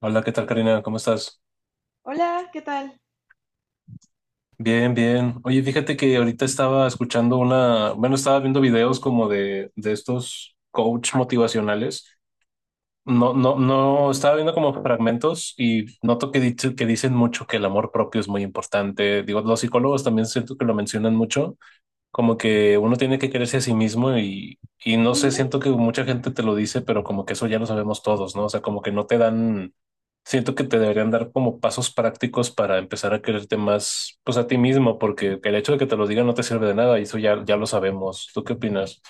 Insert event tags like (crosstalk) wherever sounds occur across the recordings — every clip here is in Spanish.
Hola, ¿qué tal, Karina? ¿Cómo estás? Hola, ¿qué tal? Bien, bien. Oye, fíjate que ahorita estaba escuchando una, bueno, estaba viendo videos como de estos coach motivacionales. No, no, no, estaba viendo como fragmentos y noto que dicen mucho que el amor propio es muy importante. Digo, los psicólogos también siento que lo mencionan mucho. Como que uno tiene que quererse a sí mismo y no sé, siento Ujú. que mucha gente te lo dice, pero como que eso ya lo sabemos todos, ¿no? O sea, como que no te dan, siento que te deberían dar como pasos prácticos para empezar a quererte más, pues a ti mismo, porque el hecho de que te lo digan no te sirve de nada y eso ya, ya lo sabemos. ¿Tú qué opinas?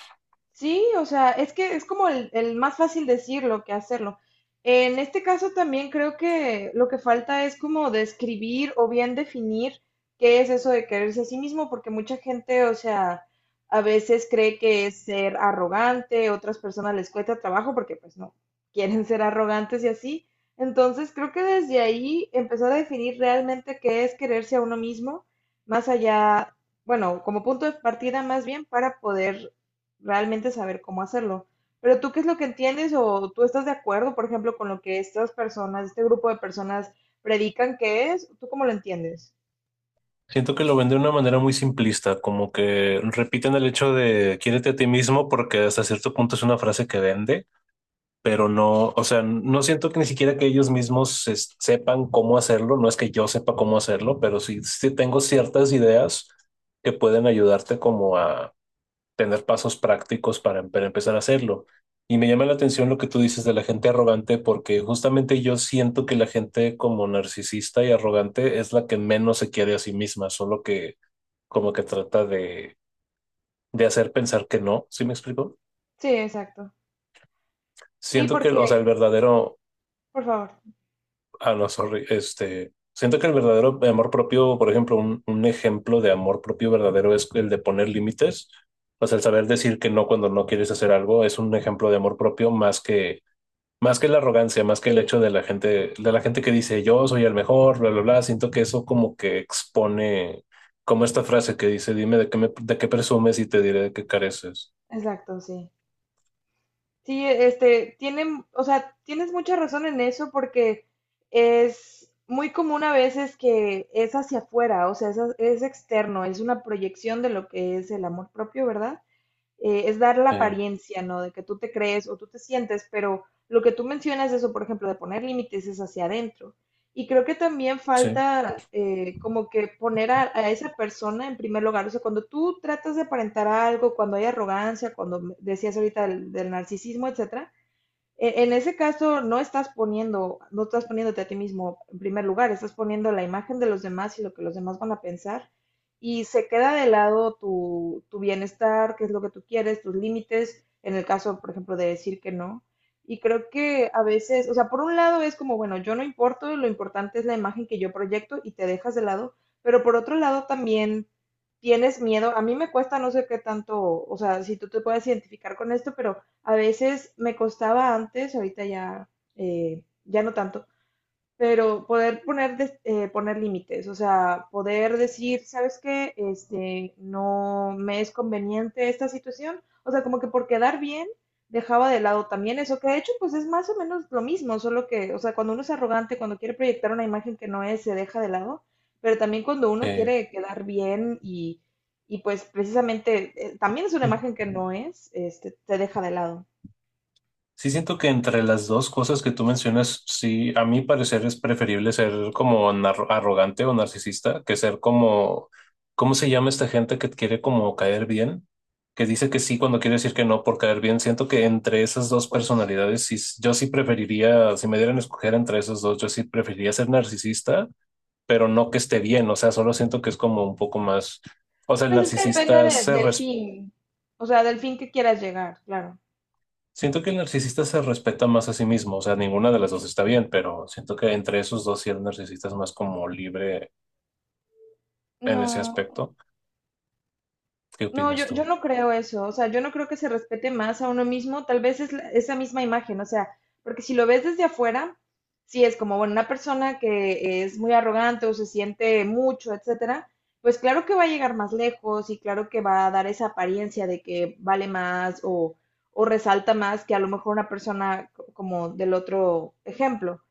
Sí, o sea, es que es como el más fácil decirlo que hacerlo. En este caso también creo que lo que falta es como describir o bien definir qué es eso de quererse a sí mismo, porque mucha gente, o sea, a veces cree que es ser arrogante, otras personas les cuesta trabajo porque pues no quieren ser arrogantes y así. Entonces creo que desde ahí empezar a definir realmente qué es quererse a uno mismo, más allá, bueno, como punto de partida más bien para poder realmente saber cómo hacerlo. Pero tú, ¿qué es lo que entiendes o tú estás de acuerdo, por ejemplo, con lo que estas personas, este grupo de personas predican que es? ¿Tú cómo lo entiendes? Siento que lo ven de una manera muy simplista, como que repiten el hecho de quiérete a ti mismo porque hasta cierto punto es una frase que vende, pero no, o sea, no siento que ni siquiera que ellos mismos sepan cómo hacerlo. No es que yo sepa cómo hacerlo, pero sí, sí tengo ciertas ideas que pueden ayudarte como a tener pasos prácticos para, para empezar a hacerlo. Y me llama la atención lo que tú dices de la gente arrogante, porque justamente yo siento que la gente como narcisista y arrogante es la que menos se quiere a sí misma, solo que como que trata de hacer pensar que no, ¿sí me explico? Sí, exacto. Sí, Siento que, o sea, el porque, verdadero... por favor. Ah, no, sorry. Este, siento que el verdadero amor propio, por ejemplo, un ejemplo de amor propio verdadero es el de poner límites. O sea, el saber decir que no cuando no quieres hacer algo es un ejemplo de amor propio más que la arrogancia, más que el Sí, hecho de la gente que dice yo soy el mejor, bla, bla, bla. Siento que eso como que expone, como esta frase que dice, dime de qué presumes y te diré de qué careces. exacto, sí. Sí, este, tienen, o sea, tienes mucha razón en eso porque es muy común a veces que es hacia afuera, o sea, es externo, es una proyección de lo que es el amor propio, ¿verdad? Es dar la Eh, apariencia, ¿no? De que tú te crees o tú te sientes, pero lo que tú mencionas, eso, por ejemplo, de poner límites es hacia adentro. Y creo que también sí. falta como que poner a esa persona en primer lugar. O sea, cuando tú tratas de aparentar algo, cuando hay arrogancia, cuando decías ahorita del narcisismo, etcétera, en ese caso, no estás poniendo, no estás poniéndote a ti mismo en primer lugar, estás poniendo la imagen de los demás y lo que los demás van a pensar. Y se queda de lado tu bienestar, qué es lo que tú quieres, tus límites, en el caso, por ejemplo, de decir que no. Y creo que a veces, o sea, por un lado es como, bueno, yo no importo, lo importante es la imagen que yo proyecto y te dejas de lado, pero por otro lado también tienes miedo. A mí me cuesta no sé qué tanto, o sea, si tú te puedes identificar con esto, pero a veces me costaba antes, ahorita ya, ya no tanto, pero poder poner, poner límites, o sea, poder decir, ¿sabes qué? Este, no me es conveniente esta situación. O sea, como que por quedar bien, dejaba de lado también eso que de hecho, pues es más o menos lo mismo, solo que, o sea, cuando uno es arrogante, cuando quiere proyectar una imagen que no es, se deja de lado, pero también cuando uno eh, quiere quedar bien y pues precisamente también es una imagen que no es, este, te deja de lado. Sí, siento que entre las dos cosas que tú mencionas, sí, a mi parecer es preferible ser como arrogante o narcisista que ser como, ¿cómo se llama esta gente que quiere como caer bien? Que dice que sí cuando quiere decir que no por caer bien. Siento que entre esas dos personalidades, sí, yo sí preferiría, si me dieran a escoger entre esas dos, yo sí preferiría ser narcisista, pero no que esté bien. O sea, solo siento que es como un poco más, o sea, el Pues es que narcisista se, del fin, o sea, del fin que quieras llegar, claro. siento que el narcisista se respeta más a sí mismo. O sea, ninguna de las dos está bien, pero siento que entre esos dos sí, el narcisista es más como libre en ese No, aspecto. ¿Qué no, opinas yo tú? no creo eso, o sea, yo no creo que se respete más a uno mismo, tal vez es esa misma imagen, o sea, porque si lo ves desde afuera, sí es como, bueno, una persona que es muy arrogante o se siente mucho, etcétera, pues claro que va a llegar más lejos y claro que va a dar esa apariencia de que vale más o resalta más que a lo mejor una persona como del otro ejemplo.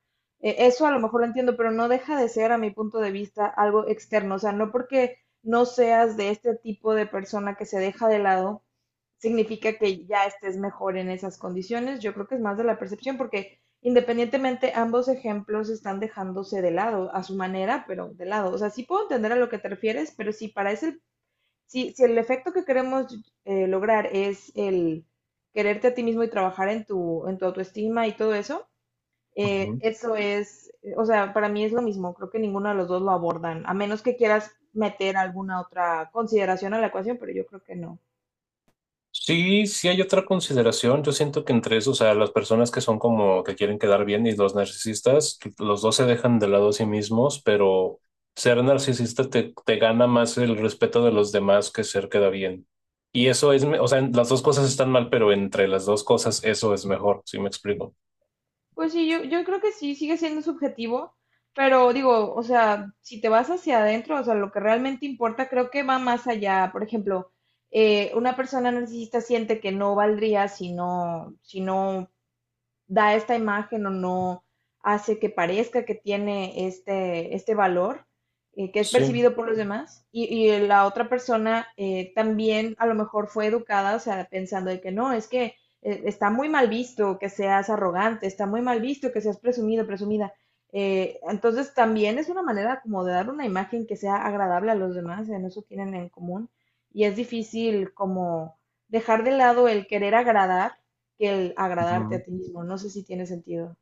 Eso a lo mejor lo entiendo, pero no deja de ser, a mi punto de vista, algo externo, o sea, no porque no seas de este tipo de persona que se deja de lado, significa que ya estés mejor en esas condiciones. Yo creo que es más de la percepción porque independientemente ambos ejemplos están dejándose de lado a su manera, pero de lado. O sea, sí puedo entender a lo que te refieres, pero si, si el efecto que queremos lograr es el quererte a ti mismo y trabajar en tu autoestima y todo eso, Ujú. eso es, o sea, para mí es lo mismo, creo que ninguno de los dos lo abordan, a menos que quieras meter alguna otra consideración a la ecuación, pero yo creo que no. Sí, sí hay otra consideración. Yo siento que entre esos, o sea, las personas que son como que quieren quedar bien y los narcisistas, los dos se dejan de lado a sí mismos, pero ser narcisista te, te gana más el respeto de los demás que ser queda bien. Y eso es, o sea, las dos cosas están mal, pero entre las dos cosas eso es mejor, ¿sí me explico? Pues sí, yo creo que sí, sigue siendo subjetivo, pero digo, o sea, si te vas hacia adentro, o sea, lo que realmente importa creo que va más allá. Por ejemplo, una persona narcisista siente que no valdría si no da esta imagen o no hace que parezca que tiene este valor que es Sí. percibido por los demás y la otra persona también a lo mejor fue educada, o sea, pensando de que no, es que está muy mal visto que seas arrogante, está muy mal visto que seas presumido, presumida. Entonces también es una manera como de dar una imagen que sea agradable a los demás, en eso tienen en común y es difícil como dejar de lado el querer agradar que el agradarte Ujú. a ti mismo. No sé si tiene sentido.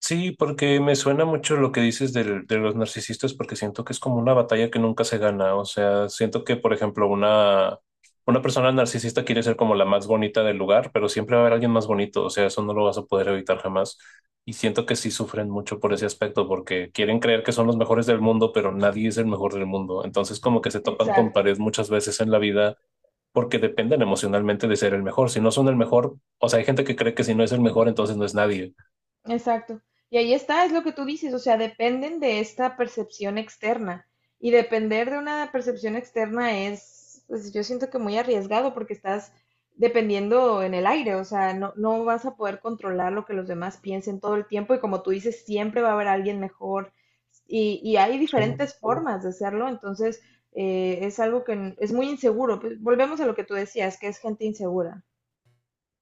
Sí, porque me suena mucho lo que dices de los narcisistas, porque siento que es como una batalla que nunca se gana. O sea, siento que, por ejemplo, una persona narcisista quiere ser como la más bonita del lugar, pero siempre va a haber alguien más bonito. O sea, eso no lo vas a poder evitar jamás. Y siento que sí sufren mucho por ese aspecto, porque quieren creer que son los mejores del mundo, pero nadie es el mejor del mundo. Entonces, como que se topan con pared Exacto. muchas veces en la vida. Porque dependen emocionalmente de ser el mejor. Si no son el mejor, o sea, hay gente que cree que si no es el mejor, entonces no es nadie. Exacto. Y ahí está, es lo que tú dices, o sea, dependen de esta percepción externa. Y depender de una percepción externa es, pues yo siento que muy arriesgado porque estás dependiendo en el aire, o sea, no, no vas a poder controlar lo que los demás piensen todo el tiempo y como tú dices, siempre va a haber alguien mejor y hay diferentes formas de hacerlo, entonces es algo es muy inseguro. Pues, volvemos a lo que tú decías, que es gente insegura.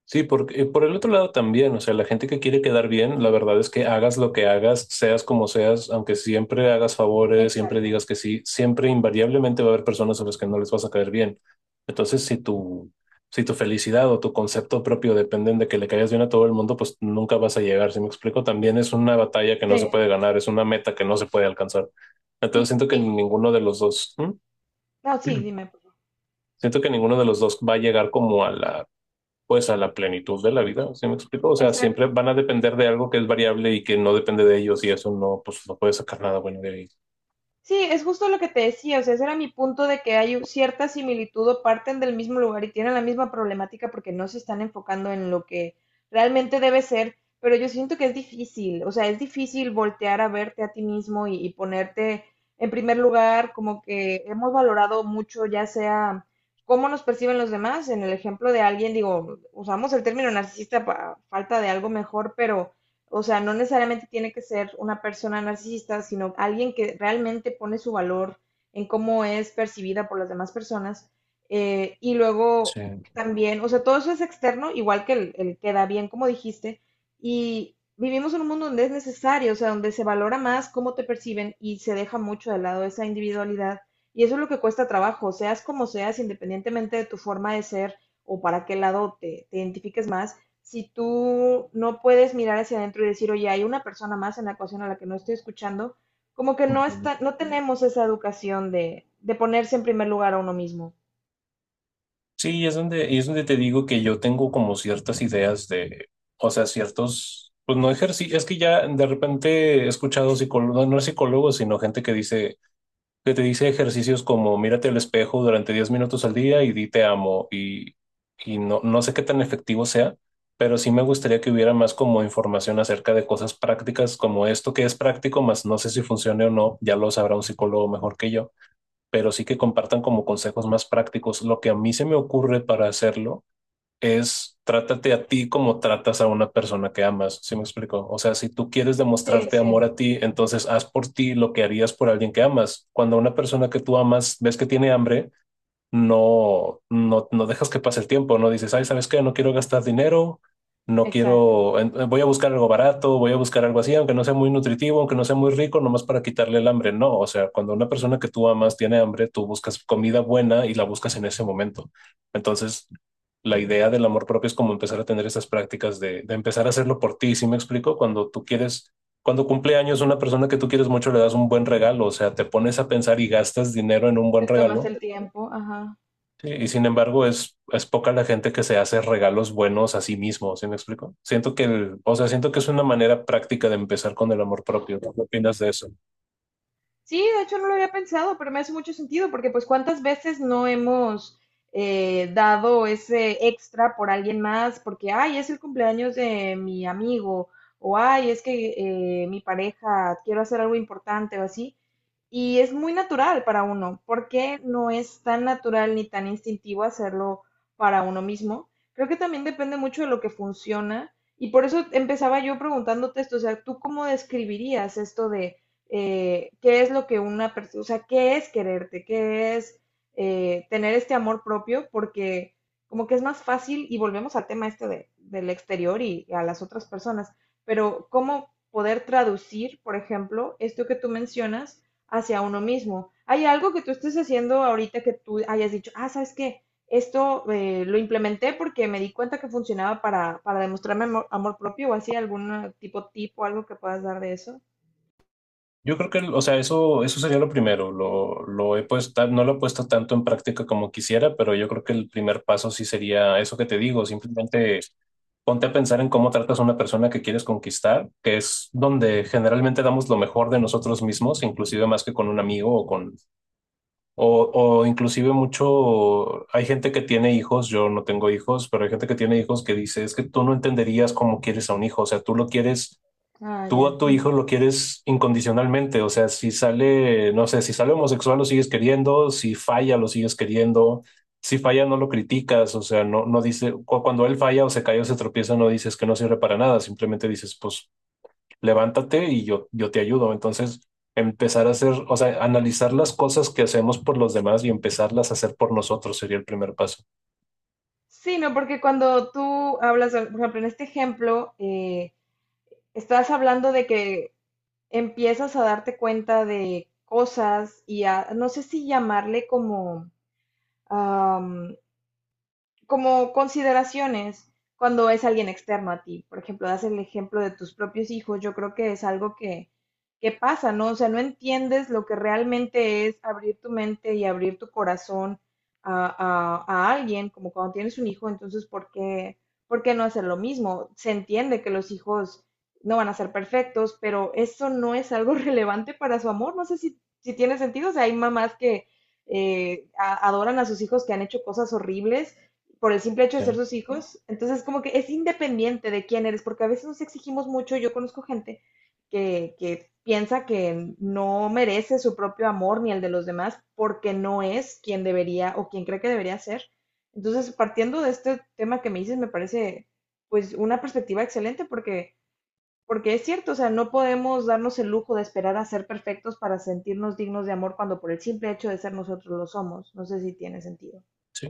Sí, porque por el otro lado también, o sea, la gente que quiere quedar bien, la verdad es que hagas lo que hagas, seas como seas, aunque siempre hagas favores, siempre Exacto. digas que sí, siempre invariablemente va a haber personas a las que no les vas a caer bien. Entonces, si tu felicidad o tu concepto propio dependen de que le caigas bien a todo el mundo, pues nunca vas a llegar. Si me explico, también es una batalla que no se Sí. puede ganar, es una meta que no se puede alcanzar. Entonces, Y, siento que y, ninguno de los dos, no, (clears throat) sí, ¿mm? dime. Por favor. Siento que ninguno de los dos va a llegar como a la, pues a la plenitud de la vida, ¿sí me explico? O sea, siempre Exacto. van a depender de algo que es variable y que no depende de ellos y eso no, pues no puedes sacar nada bueno de ahí. Sí, es justo lo que te decía, o sea, ese era mi punto de que hay cierta similitud o parten del mismo lugar y tienen la misma problemática porque no se están enfocando en lo que realmente debe ser, pero yo siento que es difícil, o sea, es difícil voltear a verte a ti mismo y ponerte en primer lugar, como que hemos valorado mucho, ya sea cómo nos perciben los demás, en el ejemplo de alguien, digo, usamos el término narcisista para falta de algo mejor, pero o sea, no necesariamente tiene que ser una persona narcisista, sino alguien que realmente pone su valor en cómo es percibida por las demás personas. Y Sí. luego también, o sea, todo eso es externo, igual que el queda bien, como dijiste. Y vivimos en un mundo donde es necesario, o sea, donde se valora más cómo te perciben y se deja mucho de lado esa individualidad. Y eso es lo que cuesta trabajo, seas como seas, independientemente de tu forma de ser o para qué lado te identifiques más si tú no puedes mirar hacia adentro y decir, oye, hay una persona más en la ecuación a la que no estoy escuchando, como que no Ujú. está, no tenemos esa educación de ponerse en primer lugar a uno mismo. Sí, es donde, y es donde te digo que yo tengo como ciertas ideas de, o sea, ciertos, pues no ejercicio. Es que ya de repente he escuchado psicólogos, no, no psicólogos, sino gente que dice, que te dice ejercicios como mírate al espejo durante 10 minutos al día y di te amo. Y no, no sé qué tan efectivo sea, pero sí me gustaría que hubiera más como información acerca de cosas prácticas como esto que es práctico, más no sé si funcione o no, ya lo sabrá un psicólogo mejor que yo, pero sí que compartan como consejos más prácticos. Lo que a mí se me ocurre para hacerlo es trátate a ti como tratas a una persona que amas, ¿sí me explico? O sea, si tú quieres Sí, demostrarte sí. amor a ti, entonces haz por ti lo que harías por alguien que amas. Cuando una persona que tú amas ves que tiene hambre, no dejas que pase el tiempo, no dices, ay, ¿sabes qué? No quiero gastar dinero, no Exacto. quiero, voy a buscar algo barato, voy a buscar algo así, aunque no sea muy nutritivo, aunque no sea muy rico, nomás para quitarle el hambre. No, o sea, cuando una persona que tú amas tiene hambre, tú buscas comida buena y la buscas en ese momento. Entonces, la idea del amor propio es como empezar a tener esas prácticas de empezar a hacerlo por ti, ¿sí me explico? Cuando tú quieres... Cuando cumple años una persona que tú quieres mucho le das un buen regalo, o sea, te pones a pensar y gastas dinero en un buen Te tomas regalo. el tiempo, ajá. Sí, y sin embargo, es poca la gente que se hace regalos buenos a sí mismo, ¿sí me explico? Siento que el, o sea, siento que es una manera práctica de empezar con el amor propio, ¿no? ¿Qué opinas de eso? Sí, de hecho no lo había pensado, pero me hace mucho sentido porque pues cuántas veces no hemos dado ese extra por alguien más porque, ay, es el cumpleaños de mi amigo o, ay, es que mi pareja, quiero hacer algo importante o así. Y es muy natural para uno. ¿Por qué no es tan natural ni tan instintivo hacerlo para uno mismo? Creo que también depende mucho de lo que funciona. Y por eso empezaba yo preguntándote esto, o sea, ¿tú cómo describirías esto de qué es lo que una persona, o sea, qué es quererte, qué es tener este amor propio, porque como que es más fácil, y volvemos al tema este del exterior y a las otras personas, pero cómo poder traducir, por ejemplo, esto que tú mencionas hacia uno mismo? ¿Hay algo que tú estés haciendo ahorita que tú hayas dicho, ah, sabes qué? Esto lo implementé porque me di cuenta que funcionaba para demostrarme amor, amor propio o así, algún tipo, algo que puedas dar de eso. Yo creo que, o sea, eso sería lo primero. Lo he puesto, no lo he puesto tanto en práctica como quisiera, pero yo creo que el primer paso sí sería eso que te digo, simplemente ponte a pensar en cómo tratas a una persona que quieres conquistar, que es donde generalmente damos lo mejor de nosotros mismos, inclusive más que con un amigo o con... O, o inclusive mucho, hay gente que tiene hijos, yo no tengo hijos, pero hay gente que tiene hijos que dice, es que tú no entenderías cómo quieres a un hijo. O sea, tú lo quieres, Ah, tú a ya. tu hijo lo quieres incondicionalmente, o sea, si sale, no sé, si sale homosexual lo sigues queriendo, si falla lo sigues queriendo, si falla no lo criticas, o sea, no, no dice, cuando él falla o se cae o se tropieza, no dices que no sirve para nada, simplemente dices, pues levántate y yo te ayudo. Entonces, empezar a hacer, o sea, analizar las cosas que hacemos por los demás y empezarlas a hacer por nosotros sería el primer paso. Sí, no, porque cuando tú hablas, por ejemplo, en este ejemplo, estás hablando de que empiezas a darte cuenta de cosas y a, no sé si llamarle como, como consideraciones cuando es alguien externo a ti. Por ejemplo, das el ejemplo de tus propios hijos, yo creo que es algo que pasa, ¿no? O sea, no entiendes lo que realmente es abrir tu mente y abrir tu corazón a a alguien, como cuando tienes un hijo, entonces, ¿por qué no hacer lo mismo? Se entiende que los hijos no van a ser perfectos, pero eso no es algo (laughs) relevante para su amor. No sé si tiene sentido, o sea, hay mamás que adoran a sus hijos que han hecho cosas horribles por el simple hecho de ¿Sí? ser sus hijos. Entonces, como que es independiente de quién eres, porque a veces nos exigimos mucho. Yo conozco gente que piensa que no merece su propio amor ni el de los demás porque no es quien debería o quien cree que debería ser. Entonces, partiendo de este tema que me dices, me parece pues una perspectiva excelente porque, porque es cierto, o sea, no podemos darnos el lujo de esperar a ser perfectos para sentirnos dignos de amor cuando por el simple hecho de ser nosotros lo somos. No sé si tiene sentido. Sí,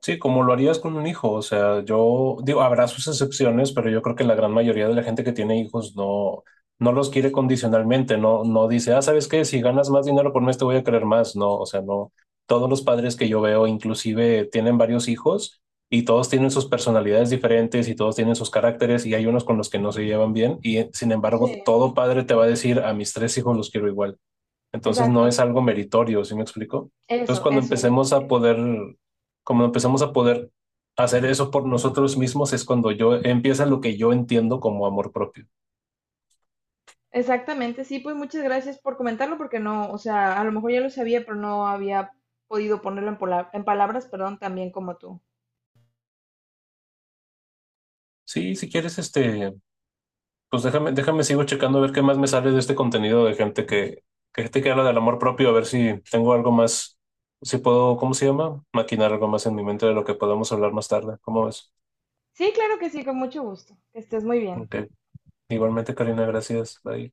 sí, como lo harías con un hijo. O sea, yo digo, habrá sus excepciones, pero yo creo que la gran mayoría de la gente que tiene hijos no, no los quiere condicionalmente. No, no dice, ah, ¿sabes qué? Si ganas más dinero por mes te voy a querer más. No, o sea, no, todos los padres que yo veo inclusive tienen varios hijos y todos tienen sus personalidades diferentes y todos tienen sus caracteres y hay unos con los que no se llevan bien y sin Sí, embargo todo padre te va a decir, a mis 3 hijos los quiero igual. Entonces no exacto, es algo meritorio, ¿sí me explico? Entonces eso, cuando eso es lo que empecemos te a digo. poder, cuando empezamos a poder hacer eso por nosotros mismos es cuando yo empieza lo que yo entiendo como amor propio. Exactamente, sí, pues muchas gracias por comentarlo porque no, o sea, a lo mejor ya lo sabía, pero no había podido ponerlo en, en palabras, perdón, también como tú. Sí, si quieres, este, pues déjame sigo checando a ver qué más me sale de este contenido de gente que, gente que habla del amor propio, a ver si tengo algo más, si puedo, ¿cómo se llama? Maquinar algo más en mi mente de lo que podemos hablar más tarde. ¿Cómo ves? Sí, claro que sí, con mucho gusto. Que estés muy bien. Ok. Igualmente, Karina, gracias. Bye.